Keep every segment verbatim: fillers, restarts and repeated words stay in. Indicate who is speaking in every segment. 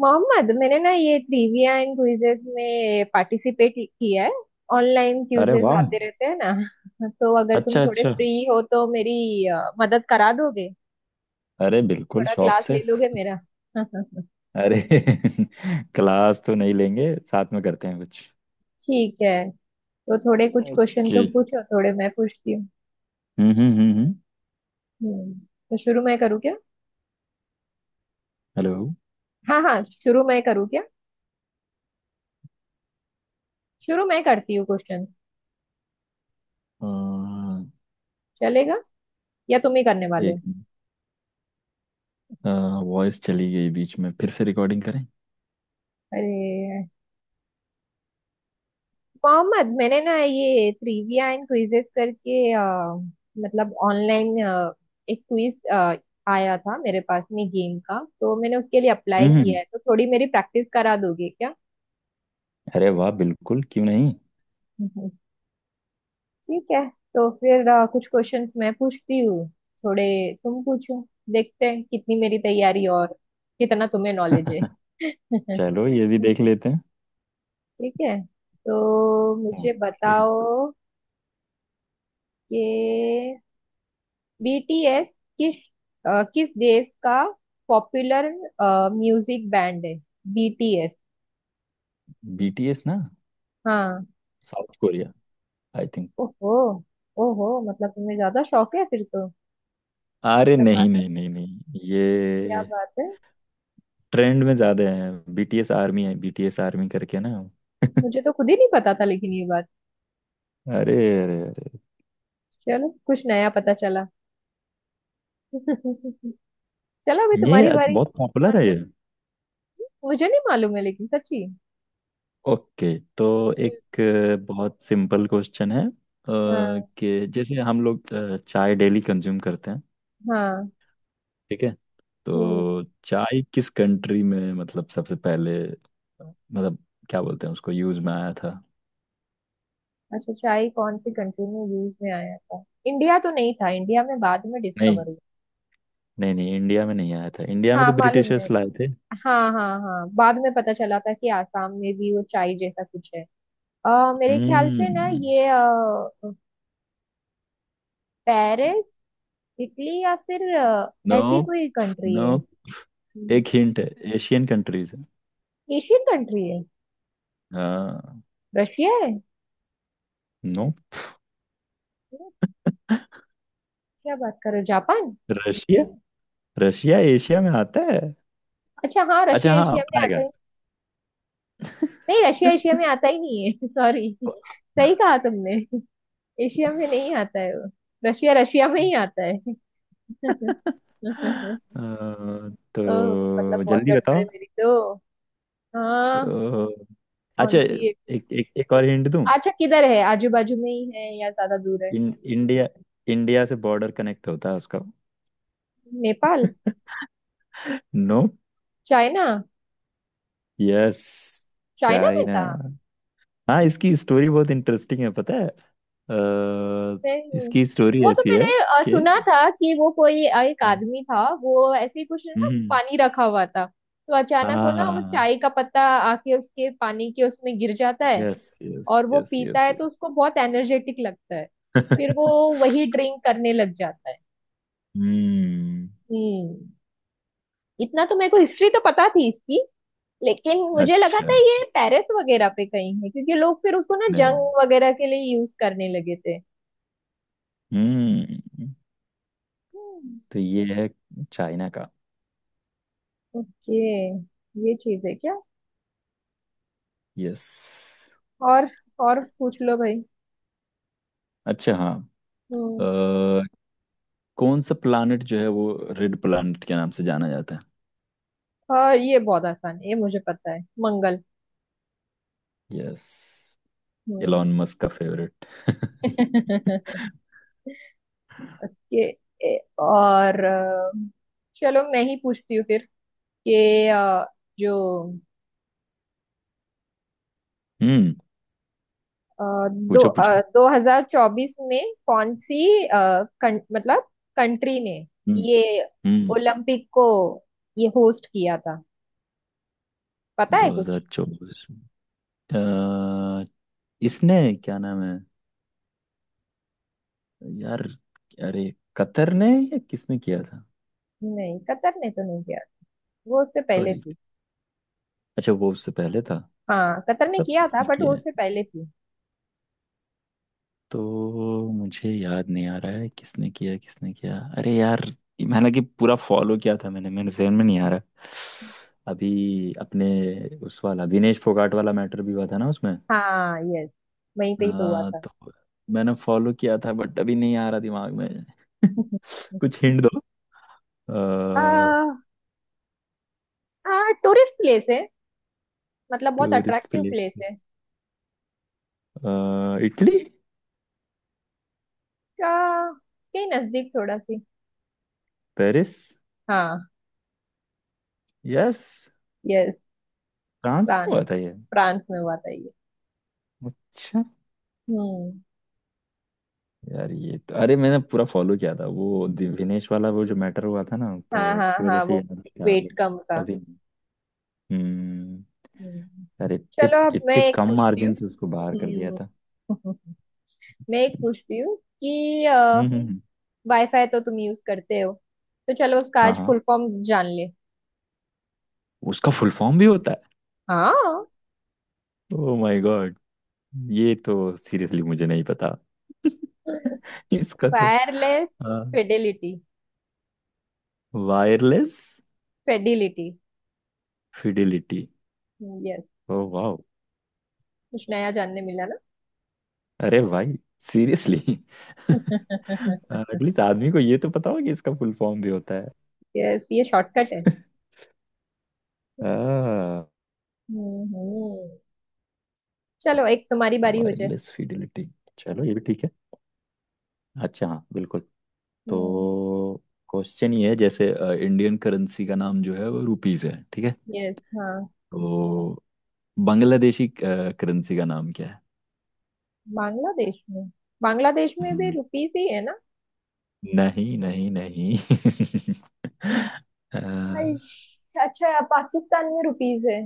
Speaker 1: मोहम्मद मैंने ना ये ट्रिविया एंड क्विजेस में पार्टिसिपेट किया है। ऑनलाइन
Speaker 2: अरे
Speaker 1: क्विजेस
Speaker 2: वाह।
Speaker 1: आते रहते हैं ना तो अगर तुम
Speaker 2: अच्छा
Speaker 1: थोड़े
Speaker 2: अच्छा।
Speaker 1: फ्री हो तो मेरी अ, मदद करा दोगे।
Speaker 2: अरे बिल्कुल
Speaker 1: थोड़ा
Speaker 2: शौक
Speaker 1: क्लास
Speaker 2: से।
Speaker 1: ले लोगे मेरा
Speaker 2: अरे क्लास तो नहीं लेंगे, साथ में करते हैं कुछ।
Speaker 1: ठीक है। तो थोड़े कुछ क्वेश्चन
Speaker 2: ओके।
Speaker 1: तुम पूछो, थोड़े मैं पूछती हूँ।
Speaker 2: हम्म हम्म हम्म हम्म,
Speaker 1: हम्म, तो शुरू मैं करूँ क्या।
Speaker 2: हेलो।
Speaker 1: हाँ हाँ, शुरू मैं करूँ क्या। शुरू मैं करती हूँ क्वेश्चन।
Speaker 2: अ,
Speaker 1: चलेगा या तुम ही करने वाले
Speaker 2: एक
Speaker 1: हो?
Speaker 2: वॉइस चली गई बीच में, फिर से रिकॉर्डिंग करें।
Speaker 1: अरे मोहम्मद, मैंने ना ये ट्रिविया एंड क्विजेस करके अ, मतलब ऑनलाइन एक क्विज आया था मेरे पास में गेम का, तो मैंने उसके लिए अप्लाई किया
Speaker 2: हम्म।
Speaker 1: है। तो थोड़ी मेरी प्रैक्टिस करा दोगे क्या।
Speaker 2: अरे वाह, बिल्कुल क्यों नहीं।
Speaker 1: हम्म, ठीक है। तो फिर अ, कुछ क्वेश्चंस मैं पूछती हूँ, थोड़े तुम पूछो। देखते हैं कितनी मेरी तैयारी और कितना तुम्हें नॉलेज है
Speaker 2: चलो, ये भी देख लेते हैं।
Speaker 1: ठीक है, तो मुझे
Speaker 2: ओके।
Speaker 1: बताओ कि बीटीएस किस अ, किस देश का पॉपुलर म्यूजिक बैंड है, बीटीएस।
Speaker 2: बीटीएस ना?
Speaker 1: हाँ।
Speaker 2: South Korea, I think.
Speaker 1: ओहो। ओहो, मतलब तुम्हें ज्यादा शौक है फिर तो।
Speaker 2: अरे
Speaker 1: क्या बात
Speaker 2: नहीं
Speaker 1: है,
Speaker 2: नहीं नहीं नहीं,
Speaker 1: क्या
Speaker 2: ये
Speaker 1: बात है।
Speaker 2: ट्रेंड में ज्यादा है, बीटीएस आर्मी है, बीटीएस आर्मी करके ना।
Speaker 1: मुझे तो खुद ही नहीं पता था लेकिन ये बात।
Speaker 2: अरे अरे, अरे
Speaker 1: चलो कुछ नया पता चला चलो अभी
Speaker 2: ये
Speaker 1: तुम्हारी
Speaker 2: अच-
Speaker 1: बारी।
Speaker 2: बहुत पॉपुलर है ये।
Speaker 1: मुझे नहीं मालूम है लेकिन सच्ची।
Speaker 2: ओके, तो
Speaker 1: हम्म,
Speaker 2: एक अ, बहुत सिंपल क्वेश्चन है, अ,
Speaker 1: हाँ
Speaker 2: कि जैसे हम लोग अ, चाय डेली कंज्यूम करते हैं,
Speaker 1: हाँ।
Speaker 2: ठीक है?
Speaker 1: हम्म,
Speaker 2: तो चाय किस कंट्री में, मतलब सबसे पहले मतलब क्या बोलते हैं उसको, यूज में आया था?
Speaker 1: अच्छा चाय कौन सी कंट्री में यूज में आया था। इंडिया तो नहीं था, इंडिया में बाद में
Speaker 2: नहीं
Speaker 1: डिस्कवर हुआ।
Speaker 2: नहीं नहीं, इंडिया में नहीं आया था, इंडिया में
Speaker 1: हाँ
Speaker 2: तो
Speaker 1: मालूम है।
Speaker 2: ब्रिटिशर्स लाए थे।
Speaker 1: हाँ हाँ हाँ, बाद में पता चला था कि आसाम में भी वो चाय जैसा कुछ है। अ, मेरे ख्याल से ना
Speaker 2: हम्म।
Speaker 1: ये अ, पेरिस, इटली या फिर अ, ऐसी कोई कंट्री
Speaker 2: नो,
Speaker 1: है। हम्म।
Speaker 2: एक हिंट है, एशियन कंट्रीज है।
Speaker 1: एशियन कंट्री है।
Speaker 2: हाँ।
Speaker 1: रशिया है ये।
Speaker 2: नो।
Speaker 1: क्या बात कर रहे हो, जापान।
Speaker 2: रशिया? रशिया एशिया में आता है?
Speaker 1: अच्छा हाँ,
Speaker 2: अच्छा
Speaker 1: रशिया
Speaker 2: हाँ,
Speaker 1: एशिया में आता
Speaker 2: आएगा।
Speaker 1: ही। नहीं, रशिया एशिया में आता ही नहीं है सॉरी, सही कहा तुमने। एशिया में नहीं आता है वो, रशिया रशिया में ही आता है
Speaker 2: अ,
Speaker 1: ओ, मतलब
Speaker 2: तो
Speaker 1: बहुत
Speaker 2: जल्दी
Speaker 1: गड़बड़ है
Speaker 2: बताओ
Speaker 1: मेरी तो। हाँ।
Speaker 2: तो।
Speaker 1: कौन
Speaker 2: अच्छा,
Speaker 1: सी एक है?
Speaker 2: एक एक एक और हिंट दूं।
Speaker 1: अच्छा किधर है, आजू बाजू में ही है या ज्यादा दूर है।
Speaker 2: इन, इंडिया इंडिया से बॉर्डर कनेक्ट होता है उसका।
Speaker 1: Nepal.
Speaker 2: No.
Speaker 1: China.
Speaker 2: Yes,
Speaker 1: China में
Speaker 2: चाइना।
Speaker 1: था।
Speaker 2: हाँ, इसकी स्टोरी बहुत इंटरेस्टिंग है, पता है? अ,
Speaker 1: नहीं,
Speaker 2: इसकी स्टोरी
Speaker 1: वो तो
Speaker 2: ऐसी है
Speaker 1: मैंने अ,
Speaker 2: कि
Speaker 1: सुना था कि वो कोई अ, एक
Speaker 2: हाँ।
Speaker 1: आदमी था, वो ऐसे ही कुछ ना
Speaker 2: हम्म,
Speaker 1: पानी रखा हुआ था। तो
Speaker 2: हाँ
Speaker 1: अचानक वो
Speaker 2: हाँ,
Speaker 1: ना, वो
Speaker 2: हाँ,
Speaker 1: चाय का पत्ता आके उसके पानी के उसमें गिर जाता है।
Speaker 2: यस यस
Speaker 1: और वो
Speaker 2: यस
Speaker 1: पीता
Speaker 2: यस।
Speaker 1: है तो उसको बहुत एनर्जेटिक लगता है। फिर वो
Speaker 2: यस।
Speaker 1: वही ड्रिंक करने लग जाता है।
Speaker 2: हम्म।
Speaker 1: हम्म, इतना तो मेरे को हिस्ट्री तो पता थी इसकी, लेकिन मुझे लगा था
Speaker 2: अच्छा।
Speaker 1: ये पेरिस वगैरह पे कहीं है, क्योंकि लोग फिर उसको ना
Speaker 2: नहीं।
Speaker 1: जंग वगैरह के लिए यूज करने लगे थे।
Speaker 2: हम्म।
Speaker 1: हम्म।
Speaker 2: तो ये है चाइना का।
Speaker 1: ओके, ये चीज है क्या।
Speaker 2: यस।
Speaker 1: और और पूछ लो भाई।
Speaker 2: अच्छा हाँ। अ,
Speaker 1: हम्म।
Speaker 2: कौन सा प्लानट जो है वो रेड प्लानट के नाम से जाना जाता है?
Speaker 1: हाँ ये बहुत आसान है, ये मुझे पता है, मंगल।
Speaker 2: यस।
Speaker 1: हम्म
Speaker 2: एलॉन मस्क का फेवरेट।
Speaker 1: ये ए, और अ, चलो मैं ही पूछती हूँ फिर कि अ, जो
Speaker 2: हम्म।
Speaker 1: अ, दो
Speaker 2: पूछो
Speaker 1: आ,
Speaker 2: पूछो।
Speaker 1: दो हजार चौबीस में कौन सी अ, कं, मतलब कंट्री ने
Speaker 2: हम्म
Speaker 1: ये
Speaker 2: हम्म।
Speaker 1: ओलंपिक को ये होस्ट किया था, पता है कुछ।
Speaker 2: दो हज़ार चौबीस, अ, इसने, क्या नाम है यार, अरे, कतर ने या किसने किया था?
Speaker 1: नहीं, कतर ने तो नहीं किया, वो उससे पहले
Speaker 2: सॉरी,
Speaker 1: थी।
Speaker 2: अच्छा वो उससे पहले था।
Speaker 1: हाँ, कतर ने
Speaker 2: तब
Speaker 1: किया था
Speaker 2: किसने
Speaker 1: बट वो
Speaker 2: किया है,
Speaker 1: उससे पहले थी।
Speaker 2: तो मुझे याद नहीं आ रहा है, किसने किया किसने किया, अरे यार। हालांकि पूरा फॉलो किया था मैंने, मेरे जहन में नहीं आ रहा अभी, अपने उस वाला विनेश फोगाट वाला मैटर भी हुआ था ना उसमें।
Speaker 1: हाँ यस, वहीं पे ही तो हुआ
Speaker 2: हाँ,
Speaker 1: था
Speaker 2: तो मैंने फॉलो किया था बट अभी नहीं आ रहा दिमाग में। कुछ हिंट दो।
Speaker 1: आ, आ, टूरिस्ट प्लेस है, मतलब बहुत
Speaker 2: टूरिस्ट
Speaker 1: अट्रैक्टिव
Speaker 2: प्लेस?
Speaker 1: प्लेस है।
Speaker 2: इटली?
Speaker 1: का, के नजदीक थोड़ा सी।
Speaker 2: पेरिस?
Speaker 1: हाँ
Speaker 2: यस।
Speaker 1: यस।
Speaker 2: फ्रांस में
Speaker 1: फ्रांस,
Speaker 2: हुआ था ये?
Speaker 1: फ्रांस में हुआ था ये।
Speaker 2: अच्छा।
Speaker 1: हम्म।
Speaker 2: यार ये तो, अरे मैंने पूरा फॉलो किया था, वो दिविनेश वाला, वो जो मैटर हुआ था ना, तो
Speaker 1: हाँ हाँ
Speaker 2: उसकी वजह
Speaker 1: हाँ,
Speaker 2: से
Speaker 1: वो
Speaker 2: याद था
Speaker 1: वेट
Speaker 2: अभी
Speaker 1: कम का।
Speaker 2: अभी। हम्म।
Speaker 1: हम्म।
Speaker 2: अरे
Speaker 1: चलो
Speaker 2: इतने
Speaker 1: अब मैं
Speaker 2: इतने
Speaker 1: एक
Speaker 2: कम
Speaker 1: पूछती हूँ।
Speaker 2: मार्जिन से उसको बाहर कर दिया
Speaker 1: हम्म
Speaker 2: था।
Speaker 1: मैं एक पूछती हूँ कि
Speaker 2: हम्म हम्म हम्म,
Speaker 1: वाईफाई तो तुम यूज करते हो, तो चलो उसका
Speaker 2: हाँ
Speaker 1: आज
Speaker 2: हाँ,
Speaker 1: फुल फॉर्म जान ले।
Speaker 2: उसका फुल फॉर्म भी होता है?
Speaker 1: हाँ
Speaker 2: ओ माय गॉड, ये तो सीरियसली मुझे नहीं पता। इसका तो,
Speaker 1: वायरलेस।
Speaker 2: हाँ,
Speaker 1: fidelity.
Speaker 2: Wireless
Speaker 1: fidelity.
Speaker 2: Fidelity.
Speaker 1: Yes.
Speaker 2: Oh वाह,
Speaker 1: कुछ नया जानने मिला ना
Speaker 2: अरे भाई, सीरियसली। एटलीस्ट आदमी को ये तो पता होगा कि इसका फुल फॉर्म भी होता है।
Speaker 1: यस, ये शॉर्टकट है।
Speaker 2: आ,
Speaker 1: हम्म हम्म। चलो एक तुम्हारी बारी हो जाए।
Speaker 2: वायरलेस फिडिलिटी, चलो ये भी ठीक है। अच्छा हाँ बिल्कुल।
Speaker 1: हम्म।
Speaker 2: तो क्वेश्चन ये है, जैसे अ, इंडियन करेंसी का नाम जो है वो रुपीस है, ठीक है?
Speaker 1: यस हाँ।
Speaker 2: तो बांग्लादेशी अ, करेंसी का नाम क्या है?
Speaker 1: बांग्लादेश में, बांग्लादेश में भी
Speaker 2: हम्म,
Speaker 1: रुपीस ही है।
Speaker 2: नहीं नहीं नहीं। अ,
Speaker 1: आइश, अच्छा पाकिस्तान में रुपीज है।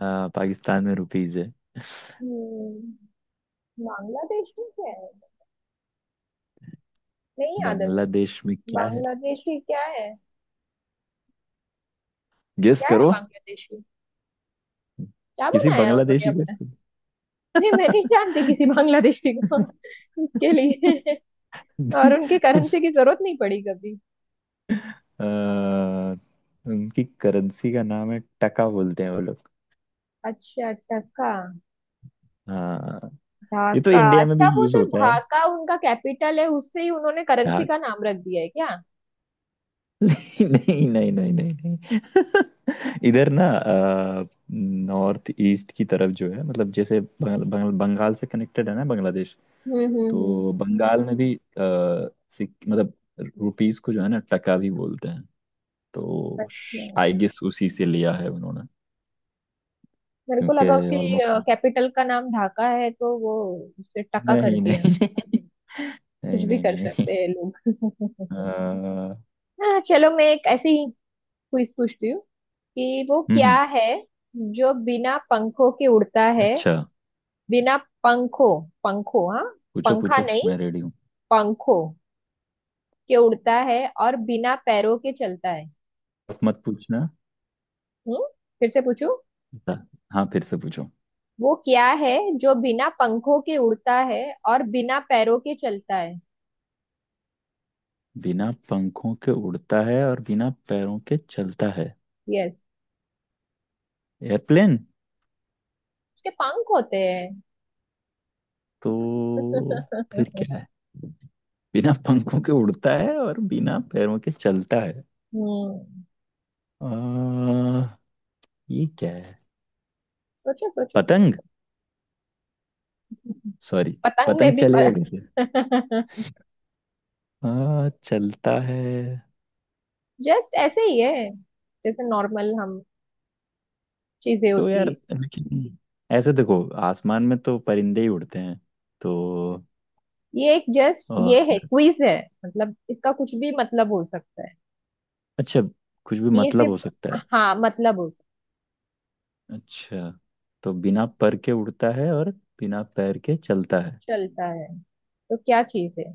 Speaker 2: अ, पाकिस्तान में रुपीस है,
Speaker 1: हम्म, बांग्लादेश में क्या है, नहीं याद है मुझे।
Speaker 2: बांग्लादेश में क्या है?
Speaker 1: बांग्लादेशी क्या है,
Speaker 2: गेस
Speaker 1: क्या है
Speaker 2: करो,
Speaker 1: बांग्लादेशी, क्या
Speaker 2: किसी
Speaker 1: बनाया है उन्होंने
Speaker 2: बांग्लादेशी को।
Speaker 1: अपना। ये मैं नहीं जानती किसी बांग्लादेशी को। इसके लिए और उनके करेंसी की जरूरत नहीं पड़ी कभी।
Speaker 2: अ, उनकी करेंसी का नाम है टका, बोलते हैं वो लोग।
Speaker 1: अच्छा, टका।
Speaker 2: हाँ, ये तो
Speaker 1: ढाका,
Speaker 2: इंडिया में भी
Speaker 1: अच्छा वो
Speaker 2: यूज
Speaker 1: तो
Speaker 2: होता है
Speaker 1: ढाका उनका कैपिटल है, उससे ही उन्होंने करेंसी
Speaker 2: यार।
Speaker 1: का नाम रख दिया है क्या।
Speaker 2: नहीं नहीं नहीं नहीं नहीं। इधर ना, नॉर्थ ईस्ट की तरफ जो है, मतलब जैसे बंग, बंग, बंगाल से कनेक्टेड है ना बांग्लादेश,
Speaker 1: हम्म हम्म हम्म।
Speaker 2: तो बंगाल में भी, अ, सिक- मतलब रुपीस को जो है ना टका भी बोलते हैं। तो
Speaker 1: अच्छा,
Speaker 2: आई गेस उसी से लिया है उन्होंने,
Speaker 1: मेरे को
Speaker 2: क्योंकि
Speaker 1: लगा उसकी
Speaker 2: ऑलमोस्ट
Speaker 1: कैपिटल का नाम ढाका है तो वो उससे टका कर
Speaker 2: नहीं
Speaker 1: दिया।
Speaker 2: नहीं नहीं।
Speaker 1: कुछ
Speaker 2: नहीं
Speaker 1: भी
Speaker 2: नहीं
Speaker 1: कर
Speaker 2: नहीं नहीं।
Speaker 1: सकते हैं
Speaker 2: अ,
Speaker 1: लोग हाँ, चलो मैं एक ऐसी ही क्विज पूछती हूँ कि वो
Speaker 2: हम्म हम्म,
Speaker 1: क्या है जो बिना पंखों के उड़ता है।
Speaker 2: अच्छा।
Speaker 1: बिना पंखों। पंखों, हाँ
Speaker 2: पूछो
Speaker 1: पंखा
Speaker 2: पूछो,
Speaker 1: नहीं,
Speaker 2: मैं रेडी हूँ।
Speaker 1: पंखों के उड़ता है और बिना पैरों के चलता है।
Speaker 2: टफ मत पूछना।
Speaker 1: हम्म, फिर से पूछू।
Speaker 2: हाँ फिर से पूछो।
Speaker 1: वो क्या है जो बिना पंखों के उड़ता है और बिना पैरों के चलता है।
Speaker 2: बिना पंखों के उड़ता है और बिना पैरों के चलता है?
Speaker 1: यस।
Speaker 2: एयरप्लेन?
Speaker 1: उसके पंख होते हैं।
Speaker 2: तो
Speaker 1: हम्म,
Speaker 2: फिर क्या है? बिना पंखों के उड़ता है और बिना पैरों के चलता है, आ, ये क्या है?
Speaker 1: सोचो सोचो।
Speaker 2: पतंग? सॉरी,
Speaker 1: पतंग में
Speaker 2: पतंग
Speaker 1: भी पर...
Speaker 2: चलेगा कैसे? आ, चलता है
Speaker 1: जस्ट ऐसे ही है, जैसे नॉर्मल हम चीजें
Speaker 2: तो,
Speaker 1: होती
Speaker 2: यार
Speaker 1: है।
Speaker 2: लेकिन ऐसे देखो, आसमान में तो परिंदे ही उड़ते हैं तो,
Speaker 1: ये एक जस्ट
Speaker 2: और
Speaker 1: ये है, क्विज है, मतलब इसका कुछ भी मतलब हो सकता है।
Speaker 2: अच्छा, कुछ भी
Speaker 1: ये
Speaker 2: मतलब
Speaker 1: सिर्फ,
Speaker 2: हो सकता है?
Speaker 1: हाँ मतलब हो सकता।
Speaker 2: अच्छा, तो बिना पर के उड़ता है और बिना पैर के चलता है?
Speaker 1: चलता है तो क्या चीज है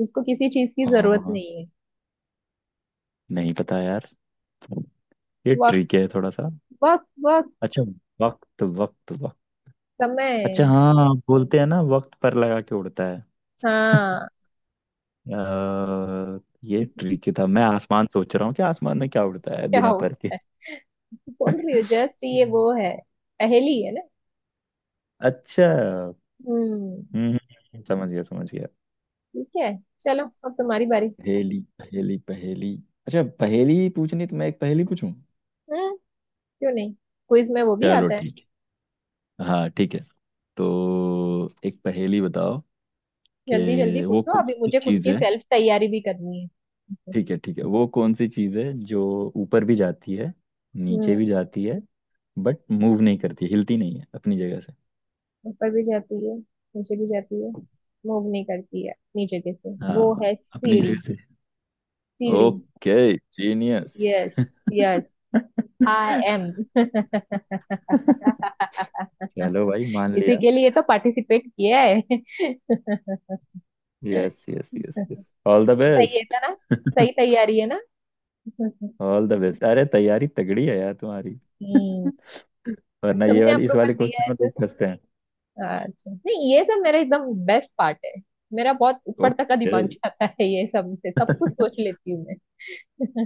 Speaker 1: जिसको किसी चीज की जरूरत
Speaker 2: हाँ।
Speaker 1: नहीं है।
Speaker 2: नहीं पता यार, ये
Speaker 1: वक्त,
Speaker 2: ट्रिक है थोड़ा सा।
Speaker 1: वक्त वक्त।
Speaker 2: अच्छा, वक्त वक्त वक्त? अच्छा
Speaker 1: समय।
Speaker 2: हाँ, बोलते हैं ना, वक्त पर लगा के उड़ता है।
Speaker 1: हाँ
Speaker 2: अ, ये ट्रिकी था, मैं आसमान सोच रहा हूँ कि आसमान में क्या उड़ता है
Speaker 1: क्या
Speaker 2: बिना
Speaker 1: हुआ,
Speaker 2: पर के।
Speaker 1: बोल रही हो जस्ट ये वो है। पहेली है ना।
Speaker 2: अच्छा।
Speaker 1: हम्म,
Speaker 2: हम्म हम्म, समझ गया समझ गया।
Speaker 1: ठीक है। चलो अब तुम्हारी बारी।
Speaker 2: पहेली पहेली पहेली, अच्छा पहेली पूछनी तो, मैं एक पहेली पूछूं?
Speaker 1: हैं? क्यों नहीं, क्विज में वो भी
Speaker 2: चलो
Speaker 1: आता है।
Speaker 2: ठीक, हाँ ठीक है। तो एक पहेली बताओ
Speaker 1: जल्दी जल्दी
Speaker 2: कि वो
Speaker 1: पूछो,
Speaker 2: कौन
Speaker 1: अभी
Speaker 2: सी
Speaker 1: मुझे खुद
Speaker 2: चीज़
Speaker 1: की
Speaker 2: है।
Speaker 1: सेल्फ तैयारी भी करनी है।
Speaker 2: ठीक है ठीक है, वो कौन सी चीज़ है जो ऊपर भी जाती है, नीचे
Speaker 1: हम्म।
Speaker 2: भी जाती है, बट मूव नहीं करती, हिलती नहीं है अपनी जगह से?
Speaker 1: ऊपर भी जाती है, नीचे भी जाती है। मूव नहीं करती है, नीचे कैसे, वो
Speaker 2: हाँ,
Speaker 1: है
Speaker 2: अपनी
Speaker 1: सीढ़ी।
Speaker 2: जगह से।
Speaker 1: सीढ़ी।
Speaker 2: Okay, genius,
Speaker 1: yes yes, I M
Speaker 2: चलो भाई मान
Speaker 1: इसी
Speaker 2: लिया।
Speaker 1: के लिए तो पार्टिसिपेट किया है
Speaker 2: yes yes yes yes, all the
Speaker 1: सही है,
Speaker 2: बेस्ट।
Speaker 1: था ना। सही तैयारी है ना
Speaker 2: ऑल द बेस्ट, अरे तैयारी तगड़ी है यार तुम्हारी,
Speaker 1: हम्म।
Speaker 2: वरना ये
Speaker 1: तुमने
Speaker 2: वाली, इस
Speaker 1: अप्रूवल
Speaker 2: वाले
Speaker 1: दिया
Speaker 2: क्वेश्चन
Speaker 1: है
Speaker 2: में
Speaker 1: तो।
Speaker 2: लोग फंसते हैं।
Speaker 1: अच्छा नहीं, ये सब मेरा एकदम बेस्ट पार्ट है। मेरा बहुत ऊपर तक का
Speaker 2: ओके।
Speaker 1: दिमाग जाता है, ये सब से सब कुछ सोच लेती हूँ मैं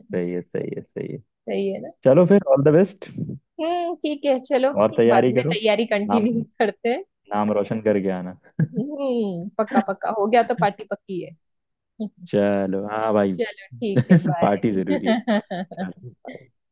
Speaker 2: सही है, सही है, सही है।
Speaker 1: सही है ना।
Speaker 2: चलो फिर ऑल द बेस्ट और।
Speaker 1: हम्म, ठीक है चलो,
Speaker 2: ठीक है,
Speaker 1: बाद
Speaker 2: तैयारी
Speaker 1: में
Speaker 2: करो।
Speaker 1: तैयारी
Speaker 2: नाम
Speaker 1: कंटिन्यू करते हैं।
Speaker 2: नाम रोशन करके आना।
Speaker 1: हम्म, पक्का पक्का हो गया तो पार्टी पक्की है
Speaker 2: चलो हाँ भाई।
Speaker 1: चलो ठीक है, बाय
Speaker 2: पार्टी जरूरी है। चलो bye।